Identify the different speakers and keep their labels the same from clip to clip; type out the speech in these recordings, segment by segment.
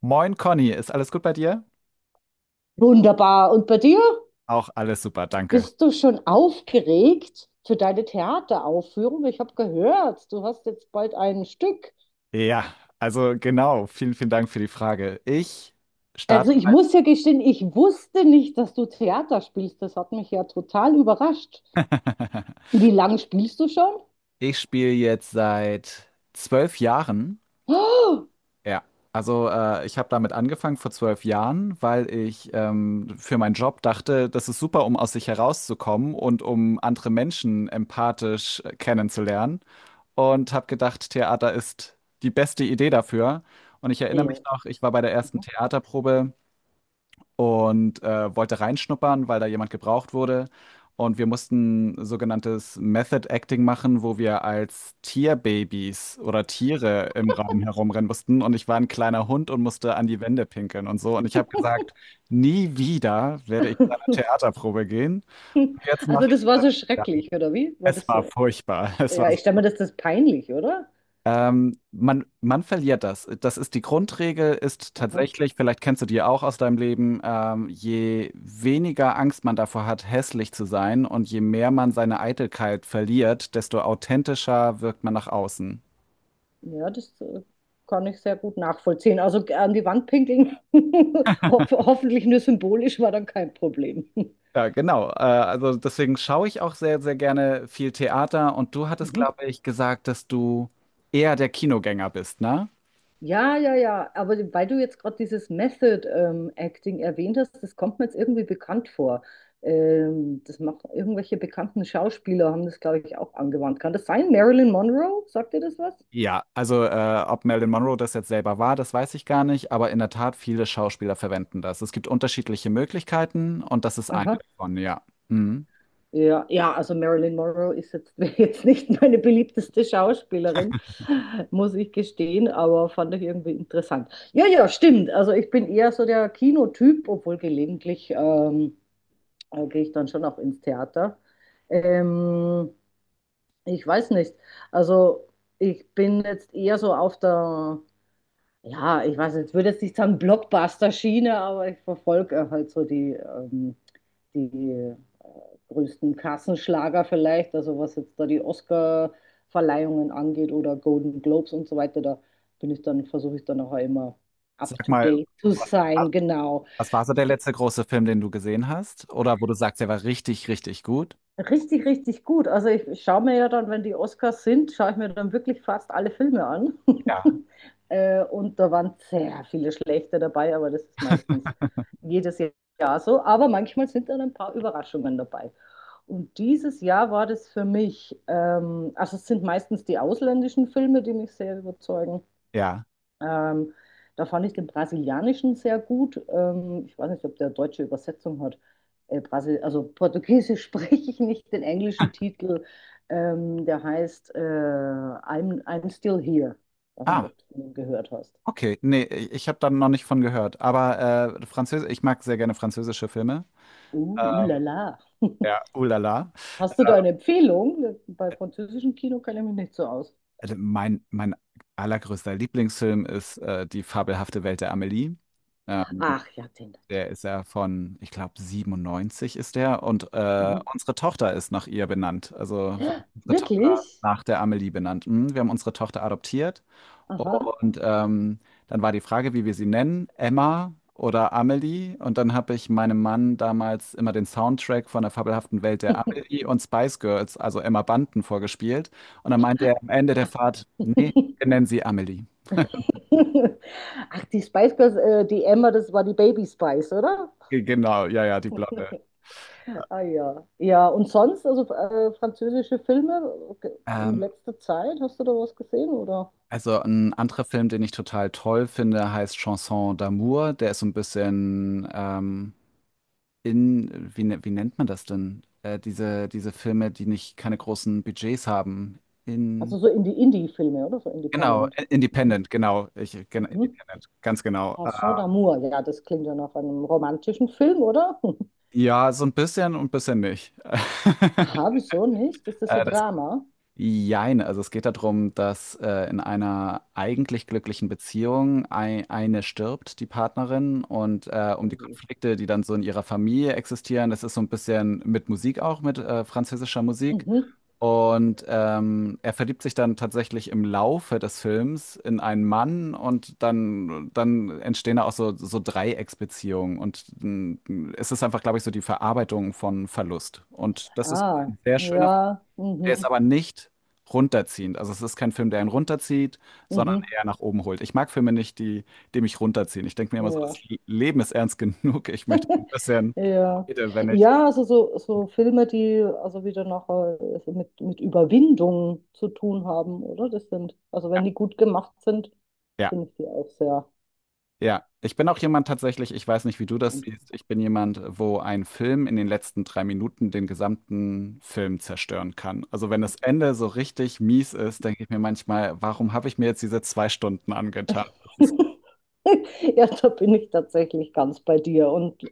Speaker 1: Moin Conny, ist alles gut bei dir?
Speaker 2: Wunderbar. Und bei dir?
Speaker 1: Auch alles super, danke.
Speaker 2: Bist du schon aufgeregt für deine Theateraufführung? Ich habe gehört, du hast jetzt bald ein Stück.
Speaker 1: Ja, also genau, vielen, vielen Dank für die Frage. Ich starte.
Speaker 2: Also ich muss ja gestehen, ich wusste nicht, dass du Theater spielst. Das hat mich ja total überrascht. Wie lange spielst du schon?
Speaker 1: Ich spiele jetzt seit 12 Jahren.
Speaker 2: Oh,
Speaker 1: Ja, also ich habe damit angefangen vor 12 Jahren, weil ich für meinen Job dachte, das ist super, um aus sich herauszukommen und um andere Menschen empathisch kennenzulernen. Und habe gedacht, Theater ist die beste Idee dafür. Und ich erinnere
Speaker 2: ja.
Speaker 1: mich noch, ich war bei der ersten
Speaker 2: Aha.
Speaker 1: Theaterprobe und wollte reinschnuppern, weil da jemand gebraucht wurde. Und wir mussten sogenanntes Method Acting machen, wo wir als Tierbabys oder Tiere im Raum herumrennen mussten. Und ich war ein kleiner Hund und musste an die Wände pinkeln und so. Und ich habe gesagt, nie wieder werde ich zu einer Theaterprobe gehen. Jetzt
Speaker 2: Also
Speaker 1: mache ich
Speaker 2: das war so
Speaker 1: das.
Speaker 2: schrecklich, oder wie? War
Speaker 1: Es
Speaker 2: das
Speaker 1: war
Speaker 2: so?
Speaker 1: furchtbar. Es
Speaker 2: Ja,
Speaker 1: war
Speaker 2: ich stelle mir das, peinlich, oder?
Speaker 1: Man verliert das. Das ist die Grundregel, ist
Speaker 2: Aha.
Speaker 1: tatsächlich, vielleicht kennst du die auch aus deinem Leben, je weniger Angst man davor hat, hässlich zu sein und je mehr man seine Eitelkeit verliert, desto authentischer wirkt man nach außen.
Speaker 2: Ja, das kann ich sehr gut nachvollziehen. Also an die Wand pinkeln, ho hoffentlich nur symbolisch, war dann kein Problem.
Speaker 1: Ja, genau. Also deswegen schaue ich auch sehr, sehr gerne viel Theater, und du hattest,
Speaker 2: Mhm.
Speaker 1: glaube ich, gesagt, dass du eher der Kinogänger bist, ne?
Speaker 2: Ja, ja, ja. Aber weil du jetzt gerade dieses Method Acting erwähnt hast, das kommt mir jetzt irgendwie bekannt vor. Das machen irgendwelche bekannten Schauspieler, haben das, glaube ich, auch angewandt. Kann das sein? Marilyn Monroe? Sagt dir das was?
Speaker 1: Ja, also ob Marilyn Monroe das jetzt selber war, das weiß ich gar nicht, aber in der Tat, viele Schauspieler verwenden das. Es gibt unterschiedliche Möglichkeiten, und das ist eine
Speaker 2: Aha.
Speaker 1: davon, ja. Mhm.
Speaker 2: Ja, ja, also Marilyn Monroe ist jetzt, wäre jetzt nicht meine beliebteste Schauspielerin, muss ich gestehen, aber fand ich irgendwie interessant. Ja, ja, stimmt. Also ich bin eher so der Kinotyp, obwohl gelegentlich da gehe ich dann schon auch ins Theater. Ähm, Ich weiß nicht. Also ich bin jetzt eher so auf der, ja, ich weiß, jetzt würde jetzt nicht sagen Blockbuster-Schiene, aber ich verfolge halt so die größten Kassenschlager vielleicht, also was jetzt da die Oscar-Verleihungen angeht oder Golden Globes und so weiter, da bin ich dann, versuche ich dann auch immer up
Speaker 1: Sag
Speaker 2: to
Speaker 1: mal,
Speaker 2: date zu
Speaker 1: wa-
Speaker 2: sein, genau.
Speaker 1: was war so der letzte große Film, den du gesehen hast? Oder wo du sagst, der war richtig, richtig gut?
Speaker 2: Richtig, richtig gut. Also ich schaue mir ja dann, wenn die Oscars sind, schaue ich mir dann wirklich fast alle Filme an.
Speaker 1: Ja.
Speaker 2: Und da waren sehr viele schlechte dabei, aber das ist meistens jedes Jahr so. Aber manchmal sind dann ein paar Überraschungen dabei. Und dieses Jahr war das für mich, also es sind meistens die ausländischen Filme, die mich sehr überzeugen.
Speaker 1: Ja.
Speaker 2: Ähm, da fand ich den brasilianischen sehr gut. Ich weiß nicht, ob der deutsche Übersetzung hat. Brasil, also Portugiesisch spreche ich nicht, den englischen Titel. Der heißt I'm Still Here. Ich weiß nicht,
Speaker 1: Ah,
Speaker 2: ob du den gehört hast.
Speaker 1: okay. Nee, ich habe da noch nicht von gehört. Aber Französisch, ich mag sehr gerne französische Filme.
Speaker 2: La la.
Speaker 1: Ja, ulala.
Speaker 2: Hast du da eine Empfehlung? Bei französischem Kino kenne ich mich nicht so aus.
Speaker 1: Also mein allergrößter Lieblingsfilm ist Die fabelhafte Welt der Amelie. Ähm,
Speaker 2: Ach ja, den natürlich.
Speaker 1: Der ist ja von, ich glaube, 97 ist der. Und
Speaker 2: Mhm.
Speaker 1: unsere Tochter ist nach ihr benannt. Also wir haben unsere Tochter
Speaker 2: Wirklich?
Speaker 1: nach der Amelie benannt. Mhm, wir haben unsere Tochter adoptiert.
Speaker 2: Aha.
Speaker 1: Und dann war die Frage, wie wir sie nennen, Emma oder Amelie. Und dann habe ich meinem Mann damals immer den Soundtrack von der fabelhaften Welt der Amelie und Spice Girls, also Emma Bunton, vorgespielt. Und dann meinte er am Ende der Fahrt, nee, wir nennen sie Amelie.
Speaker 2: Ach, die Spice Girls, die Emma, das war die Baby Spice, oder?
Speaker 1: Genau, ja, ja, die Blonde.
Speaker 2: Ah ja. Ja, und sonst, also französische Filme in
Speaker 1: Ähm,
Speaker 2: letzter Zeit, hast du da was gesehen, oder?
Speaker 1: Also ein anderer Film, den ich total toll finde, heißt Chanson d'amour. Der ist so ein bisschen in, wie, wie nennt man das denn? Diese Filme, die nicht keine großen Budgets haben. In,
Speaker 2: Also so in die Indie-Filme, oder? So
Speaker 1: genau,
Speaker 2: Independent.
Speaker 1: Independent, genau. Ich,
Speaker 2: Mhm.
Speaker 1: Independent, ganz genau.
Speaker 2: Chanson d'amour, ja, das klingt ja nach einem romantischen Film, oder?
Speaker 1: Ja, so ein bisschen und ein bisschen nicht.
Speaker 2: Aha, wieso nicht? Ist das ein
Speaker 1: Äh,
Speaker 2: Drama?
Speaker 1: Jein, also es geht darum, dass in einer eigentlich glücklichen Beziehung eine stirbt, die Partnerin, und um die
Speaker 2: Mhm.
Speaker 1: Konflikte, die dann so in ihrer Familie existieren, das ist so ein bisschen mit Musik auch, mit französischer Musik.
Speaker 2: Mhm.
Speaker 1: Und er verliebt sich dann tatsächlich im Laufe des Films in einen Mann, und dann entstehen da auch so, so Dreiecksbeziehungen. Und es ist einfach, glaube ich, so die Verarbeitung von Verlust. Und das ist
Speaker 2: Ah,
Speaker 1: ein sehr schöner.
Speaker 2: ja,
Speaker 1: Der ist
Speaker 2: mhm,
Speaker 1: aber nicht runterziehend. Also es ist kein Film, der einen runterzieht, sondern
Speaker 2: mhm,
Speaker 1: eher nach oben holt. Ich mag Filme nicht, die mich runterziehen. Ich denke mir immer so, das
Speaker 2: ja.
Speaker 1: Leben ist ernst genug. Ich möchte so ein bisschen,
Speaker 2: Ja. Ja,
Speaker 1: Freude, wenn ich.
Speaker 2: Ja, also so Filme, die also wieder nachher so mit Überwindung zu tun haben, oder? Das sind, also
Speaker 1: Ja,
Speaker 2: wenn die gut gemacht sind,
Speaker 1: ja,
Speaker 2: finde ich die auch sehr
Speaker 1: ja. Ich bin auch jemand tatsächlich, ich weiß nicht, wie du das
Speaker 2: beeindruckend.
Speaker 1: siehst, ich bin jemand, wo ein Film in den letzten 3 Minuten den gesamten Film zerstören kann. Also wenn das Ende so richtig mies ist, denke ich mir manchmal, warum habe ich mir jetzt diese 2 Stunden angetan?
Speaker 2: Ja, da bin ich tatsächlich ganz bei dir. Und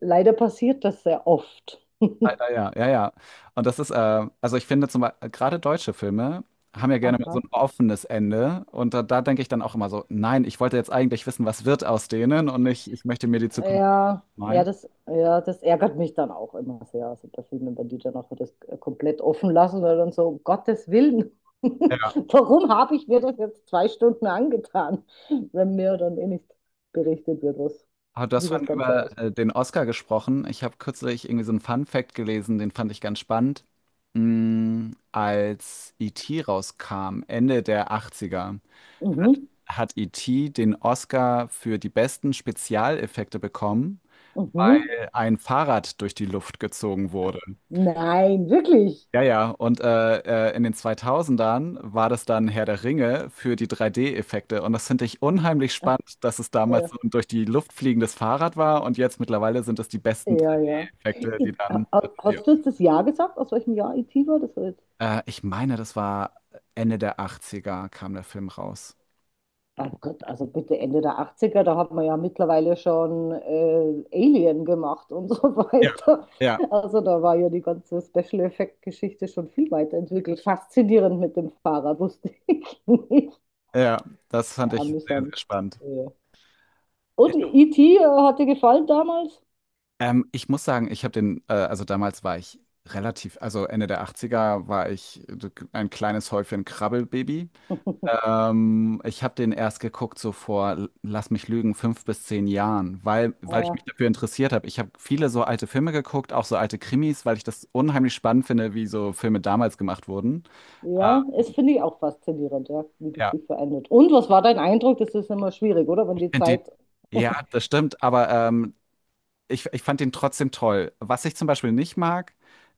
Speaker 2: leider passiert das sehr oft.
Speaker 1: Leider ja, ja, ja. Und das ist, also ich finde zum Beispiel, gerade deutsche Filme haben ja gerne mal so
Speaker 2: Aha.
Speaker 1: ein offenes Ende. Und da denke ich dann auch immer so, nein, ich wollte jetzt eigentlich wissen, was wird aus denen, und nicht, ich möchte mir die Zukunft
Speaker 2: Ja,
Speaker 1: malen.
Speaker 2: ja, das ärgert mich dann auch immer sehr. Also bei Filmen, wenn die dann auch das komplett offen lassen oder dann so, um Gottes Willen,
Speaker 1: Ja.
Speaker 2: warum habe ich mir das jetzt zwei Stunden angetan, wenn mir dann eh nicht berichtet wird, was,
Speaker 1: Aber du hast
Speaker 2: wie das
Speaker 1: vorhin
Speaker 2: Ganze
Speaker 1: über
Speaker 2: ausgeht.
Speaker 1: den Oscar gesprochen. Ich habe kürzlich irgendwie so einen Fun-Fact gelesen, den fand ich ganz spannend. Mm, als E.T. rauskam, Ende der 80er, hat,
Speaker 2: Mhm,
Speaker 1: hat E.T. den Oscar für die besten Spezialeffekte bekommen,
Speaker 2: mhm.
Speaker 1: weil ein Fahrrad durch die Luft gezogen wurde.
Speaker 2: Nein, wirklich.
Speaker 1: Ja, ja, und in den 2000ern war das dann Herr der Ringe für die 3D-Effekte. Und das finde ich unheimlich spannend, dass es damals
Speaker 2: Ja,
Speaker 1: so ein durch die Luft fliegendes Fahrrad war und jetzt mittlerweile sind es die besten
Speaker 2: ja, ja.
Speaker 1: 3D-Effekte, die
Speaker 2: I-
Speaker 1: dann.
Speaker 2: ha-
Speaker 1: Ja.
Speaker 2: Hast du jetzt das Jahr gesagt, aus welchem Jahr IT war? Das war.
Speaker 1: Ich meine, das war Ende der Achtziger, kam der Film raus.
Speaker 2: Oh Gott, also bitte Ende der Achtziger. Da hat man ja mittlerweile schon Alien gemacht und so
Speaker 1: Ja.
Speaker 2: weiter.
Speaker 1: Ja,
Speaker 2: Also da war ja die ganze Special-Effekt-Geschichte schon viel weiterentwickelt. Faszinierend mit dem Fahrrad, wusste ich nicht.
Speaker 1: ja, das fand
Speaker 2: Ja,
Speaker 1: ich sehr, sehr
Speaker 2: amüsant.
Speaker 1: spannend.
Speaker 2: Ja. Und E.T. Hat dir gefallen damals?
Speaker 1: Ich muss sagen, ich habe den, also damals war ich relativ, also Ende der Achtziger war ich ein kleines Häufchen Krabbelbaby. Ich habe den erst geguckt so vor, lass mich lügen, 5 bis 10 Jahren, weil ich
Speaker 2: Äh,
Speaker 1: mich dafür interessiert habe. Ich habe viele so alte Filme geguckt, auch so alte Krimis, weil ich das unheimlich spannend finde, wie so Filme damals gemacht wurden.
Speaker 2: ja,
Speaker 1: Äh,
Speaker 2: es finde ich auch faszinierend, ja, wie das
Speaker 1: ja,
Speaker 2: sich verändert. Und was war dein Eindruck? Das ist immer schwierig, oder? Wenn
Speaker 1: ich
Speaker 2: die
Speaker 1: finde den
Speaker 2: Zeit.
Speaker 1: ja, das stimmt, aber ich fand den trotzdem toll. Was ich zum Beispiel nicht mag,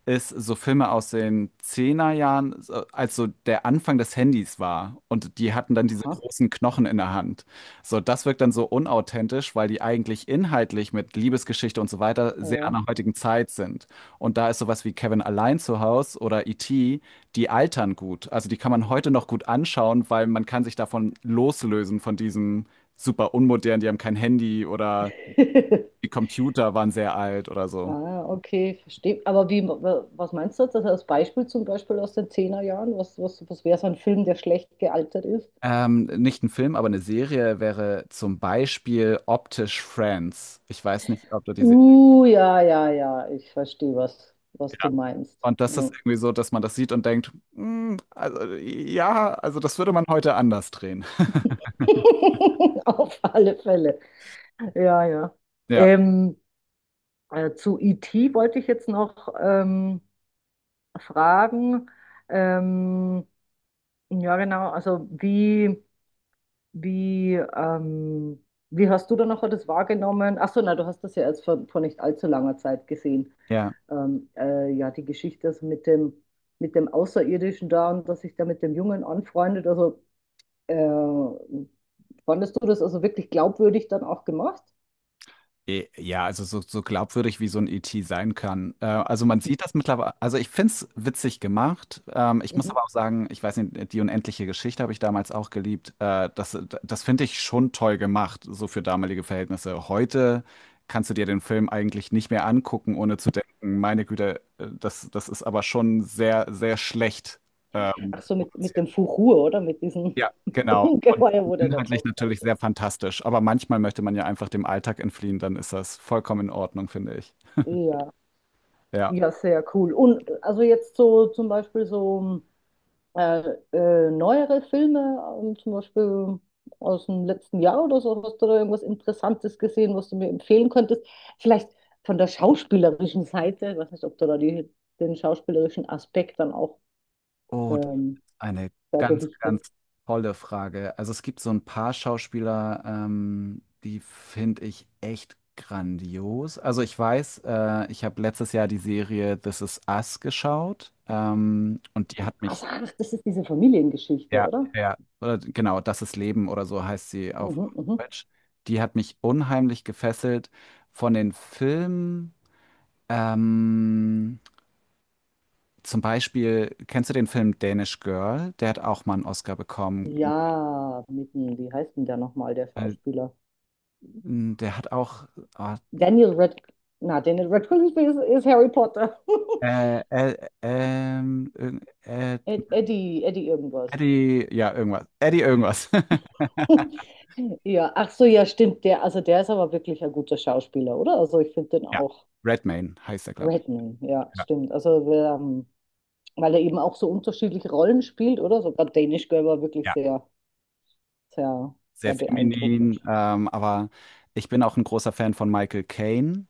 Speaker 1: ist so Filme aus den Zehnerjahren, er als so der Anfang des Handys war und die hatten dann diese
Speaker 2: Aha,
Speaker 1: großen Knochen in der Hand. So, das wirkt dann so unauthentisch, weil die eigentlich inhaltlich mit Liebesgeschichte und so weiter sehr an
Speaker 2: ja.
Speaker 1: der heutigen Zeit sind. Und da ist sowas wie Kevin allein zu Haus oder E.T., die altern gut. Also die kann man heute noch gut anschauen, weil man kann sich davon loslösen, von diesen super unmodernen, die haben kein Handy oder die Computer waren sehr alt oder so.
Speaker 2: Ah, okay, verstehe. Aber was meinst du jetzt? Also als Beispiel zum Beispiel aus den Zehnerjahren? Was wäre so ein Film, der schlecht gealtert ist?
Speaker 1: Nicht ein Film, aber eine Serie wäre zum Beispiel optisch Friends. Ich weiß nicht, ob du die Serie.
Speaker 2: Ja, ja, ja, ich verstehe, was du
Speaker 1: Ja.
Speaker 2: meinst.
Speaker 1: Und das ist
Speaker 2: Ja.
Speaker 1: irgendwie so, dass man das sieht und denkt, "Hm, also ja, also das würde man heute anders drehen."
Speaker 2: Auf alle Fälle. Ja, ja.
Speaker 1: Ja,
Speaker 2: Ähm, zu IT wollte ich jetzt noch fragen. Ähm, ja, genau, also wie. Wie, ähm, wie hast du dann nachher das wahrgenommen? Ach so, na, du hast das ja erst vor nicht allzu langer Zeit gesehen.
Speaker 1: ja.
Speaker 2: Ja, die Geschichte also mit dem Außerirdischen da und dass sich da mit dem Jungen anfreundet. Äh, Fandest du das also wirklich glaubwürdig dann auch gemacht?
Speaker 1: Ja, also so, so glaubwürdig wie so ein E.T. sein kann. Also man sieht das mittlerweile, also ich finde es witzig gemacht. Ich muss
Speaker 2: Mhm.
Speaker 1: aber auch sagen, ich weiß nicht, die unendliche Geschichte habe ich damals auch geliebt. Das finde ich schon toll gemacht, so für damalige Verhältnisse. Heute kannst du dir den Film eigentlich nicht mehr angucken, ohne zu denken, meine Güte, das ist aber schon sehr, sehr schlecht.
Speaker 2: Ach so, mit
Speaker 1: Produziert.
Speaker 2: dem Fuchur, oder? Mit diesem
Speaker 1: Ja, genau. Und
Speaker 2: Ungeheuer, wo der da
Speaker 1: inhaltlich
Speaker 2: drauf
Speaker 1: natürlich sehr
Speaker 2: reitet.
Speaker 1: fantastisch. Aber manchmal möchte man ja einfach dem Alltag entfliehen, dann ist das vollkommen in Ordnung, finde ich.
Speaker 2: Ja,
Speaker 1: Ja.
Speaker 2: ja, sehr cool. Und also jetzt so zum Beispiel so. Äh, Neuere Filme, zum Beispiel aus dem letzten Jahr oder so, hast du da irgendwas Interessantes gesehen, was du mir empfehlen könntest? Vielleicht von der schauspielerischen Seite, ich weiß nicht, ob du da die, den schauspielerischen Aspekt dann auch
Speaker 1: Oh, das
Speaker 2: ähm,
Speaker 1: ist eine
Speaker 2: da
Speaker 1: ganz,
Speaker 2: gewichtest.
Speaker 1: ganz tolle Frage. Also es gibt so ein paar Schauspieler, die finde ich echt grandios. Also ich weiß, ich habe letztes Jahr die Serie This Is Us geschaut, und die hat mich.
Speaker 2: Also, ach, das ist diese Familiengeschichte,
Speaker 1: Ja,
Speaker 2: oder?
Speaker 1: ja, ja, oder genau, das ist Leben oder so heißt sie auf
Speaker 2: Mhm, mhm.
Speaker 1: Deutsch. Die hat mich unheimlich gefesselt von den Filmen. Ähm, Zum Beispiel, kennst du den Film Danish Girl? Der hat auch mal einen Oscar bekommen.
Speaker 2: Ja, mit, wie heißt denn der nochmal, der
Speaker 1: Äh,
Speaker 2: Schauspieler?
Speaker 1: Der hat auch ah,
Speaker 2: Daniel Radcliffe, na, Daniel Radcliffe ist Harry Potter.
Speaker 1: äh, äh, ähm, irgend- äh,
Speaker 2: Eddie irgendwas.
Speaker 1: Eddie, ja, irgendwas. Eddie irgendwas.
Speaker 2: Ja, ach so, ja, stimmt. Der, also der ist aber wirklich ein guter Schauspieler, oder? Also ich finde den
Speaker 1: Ja,
Speaker 2: auch
Speaker 1: Redmayne heißt er, glaube ich.
Speaker 2: Redman, ja,
Speaker 1: Ja,
Speaker 2: stimmt. Also weil er eben auch so unterschiedliche Rollen spielt, oder? Sogar Danish Girl war wirklich
Speaker 1: ja,
Speaker 2: sehr, sehr,
Speaker 1: sehr
Speaker 2: sehr
Speaker 1: feminin,
Speaker 2: beeindruckend.
Speaker 1: aber ich bin auch ein großer Fan von Michael Caine.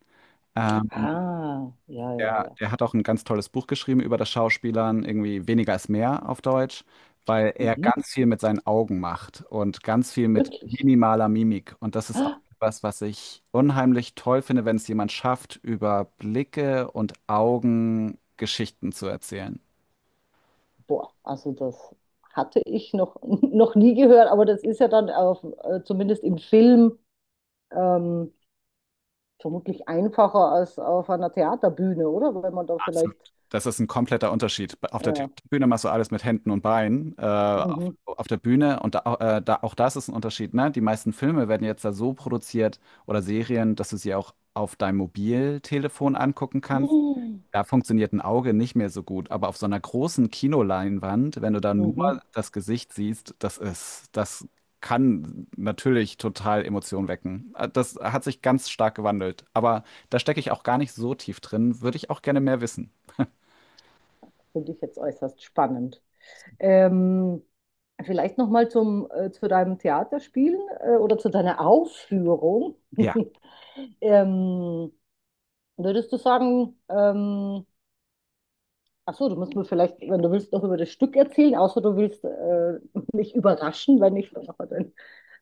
Speaker 1: Ähm,
Speaker 2: Ah, ja, ja, ja.
Speaker 1: der hat auch ein ganz tolles Buch geschrieben über das Schauspielern, irgendwie Weniger ist mehr auf Deutsch, weil er
Speaker 2: Mhm,
Speaker 1: ganz viel mit seinen Augen macht und ganz viel mit
Speaker 2: wirklich.
Speaker 1: minimaler Mimik. Und das ist auch
Speaker 2: Ah,
Speaker 1: etwas, was ich unheimlich toll finde, wenn es jemand schafft, über Blicke und Augen Geschichten zu erzählen.
Speaker 2: boah, also das hatte ich noch, noch nie gehört, aber das ist ja dann auf, zumindest im Film ähm, vermutlich einfacher als auf einer Theaterbühne, oder? Weil man da
Speaker 1: Absolut.
Speaker 2: vielleicht.
Speaker 1: Das ist ein kompletter Unterschied. Auf der
Speaker 2: Ja.
Speaker 1: Bühne machst du alles mit Händen und Beinen. Auf,
Speaker 2: Mhm.
Speaker 1: auf der Bühne, und auch das ist ein Unterschied, ne? Die meisten Filme werden jetzt da so produziert oder Serien, dass du sie auch auf deinem Mobiltelefon angucken kannst.
Speaker 2: Mhm.
Speaker 1: Da funktioniert ein Auge nicht mehr so gut. Aber auf so einer großen Kinoleinwand, wenn du da nur das Gesicht siehst, das kann natürlich total Emotionen wecken. Das hat sich ganz stark gewandelt. Aber da stecke ich auch gar nicht so tief drin. Würde ich auch gerne mehr wissen.
Speaker 2: Finde ich jetzt äußerst spannend. Ähm, vielleicht noch mal zum zu deinem Theaterspielen oder zu deiner Aufführung.
Speaker 1: Ja,
Speaker 2: Ähm, würdest du sagen, ach so, du musst mir vielleicht, wenn du willst, noch über das Stück erzählen, außer du willst mich überraschen, wenn ich mir noch mal dein,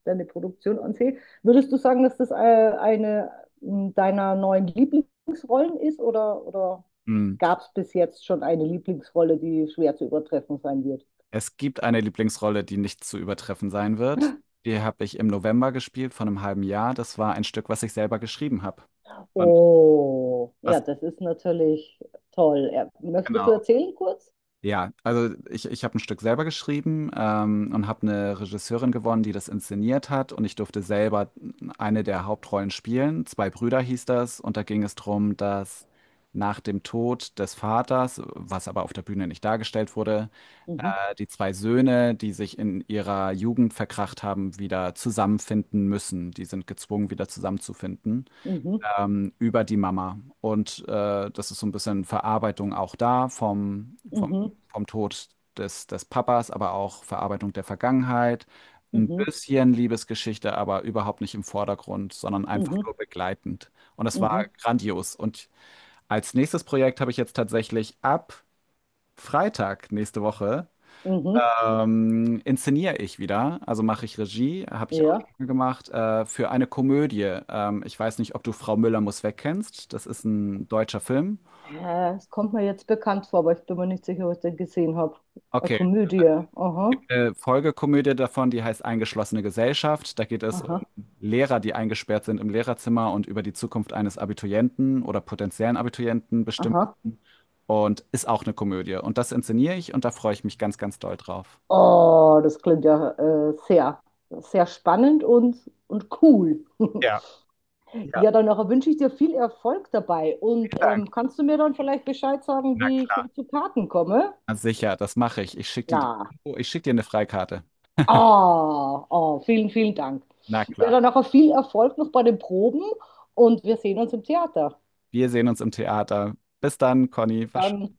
Speaker 2: deine Produktion ansehe. Würdest du sagen, dass das eine deiner neuen Lieblingsrollen ist oder?
Speaker 1: mhm.
Speaker 2: Gab es bis jetzt schon eine Lieblingsrolle, die schwer zu übertreffen sein wird.
Speaker 1: Es gibt eine Lieblingsrolle, die nicht zu übertreffen sein wird. Die habe ich im November gespielt vor einem halben Jahr. Das war ein Stück, was ich selber geschrieben habe. Und
Speaker 2: Oh, ja,
Speaker 1: was
Speaker 2: das ist natürlich toll. Ja, möchtest du
Speaker 1: genau.
Speaker 2: erzählen kurz?
Speaker 1: Ja, also ich habe ein Stück selber geschrieben, und habe eine Regisseurin gewonnen, die das inszeniert hat, und ich durfte selber eine der Hauptrollen spielen. „Zwei Brüder" hieß das, und da ging es darum, dass nach dem Tod des Vaters, was aber auf der Bühne nicht dargestellt wurde,
Speaker 2: Mhm,
Speaker 1: die zwei Söhne, die sich in ihrer Jugend verkracht haben, wieder zusammenfinden müssen. Die sind gezwungen, wieder zusammenzufinden,
Speaker 2: mhm,
Speaker 1: über die Mama. Und das ist so ein bisschen Verarbeitung auch da vom, vom,
Speaker 2: mhm,
Speaker 1: vom Tod des Papas, aber auch Verarbeitung der Vergangenheit. Ein
Speaker 2: mhm,
Speaker 1: bisschen Liebesgeschichte, aber überhaupt nicht im Vordergrund, sondern einfach
Speaker 2: mhm,
Speaker 1: nur begleitend. Und es war
Speaker 2: mhm,
Speaker 1: grandios. Und als nächstes Projekt habe ich jetzt tatsächlich ab Freitag nächste Woche
Speaker 2: mhm,
Speaker 1: inszeniere ich wieder, also mache ich Regie, habe ich auch
Speaker 2: ja.
Speaker 1: schon gemacht, für eine Komödie. Ich weiß nicht, ob du Frau Müller muss weg kennst. Das ist ein deutscher Film.
Speaker 2: Es kommt mir jetzt bekannt vor, aber ich bin mir nicht sicher, ob ich den gesehen habe. Eine
Speaker 1: Okay,
Speaker 2: Komödie. Aha,
Speaker 1: eine Folgekomödie davon, die heißt Eingeschlossene Gesellschaft. Da geht es um
Speaker 2: aha,
Speaker 1: Lehrer, die eingesperrt sind im Lehrerzimmer und über die Zukunft eines Abiturienten oder potenziellen Abiturienten bestimmen.
Speaker 2: aha.
Speaker 1: Und ist auch eine Komödie. Und das inszeniere ich, und da freue ich mich ganz, ganz doll drauf.
Speaker 2: Oh, das klingt ja sehr, sehr spannend und, cool.
Speaker 1: Ja, ja,
Speaker 2: Ja, dann nachher wünsche ich dir viel Erfolg dabei. Und
Speaker 1: vielen Dank.
Speaker 2: kannst du mir dann vielleicht Bescheid sagen,
Speaker 1: Na
Speaker 2: wie ich
Speaker 1: klar.
Speaker 2: zu Karten komme?
Speaker 1: Na sicher, das mache ich. Ich schicke dir die,
Speaker 2: Ja.
Speaker 1: oh, ich schick dir eine Freikarte.
Speaker 2: Ah, ah, vielen, vielen Dank.
Speaker 1: Na
Speaker 2: Ja,
Speaker 1: klar.
Speaker 2: dann nachher viel Erfolg noch bei den Proben und wir sehen uns im Theater.
Speaker 1: Wir sehen uns im Theater. Bis dann, Conny.
Speaker 2: Dann
Speaker 1: Wahrscheinlich.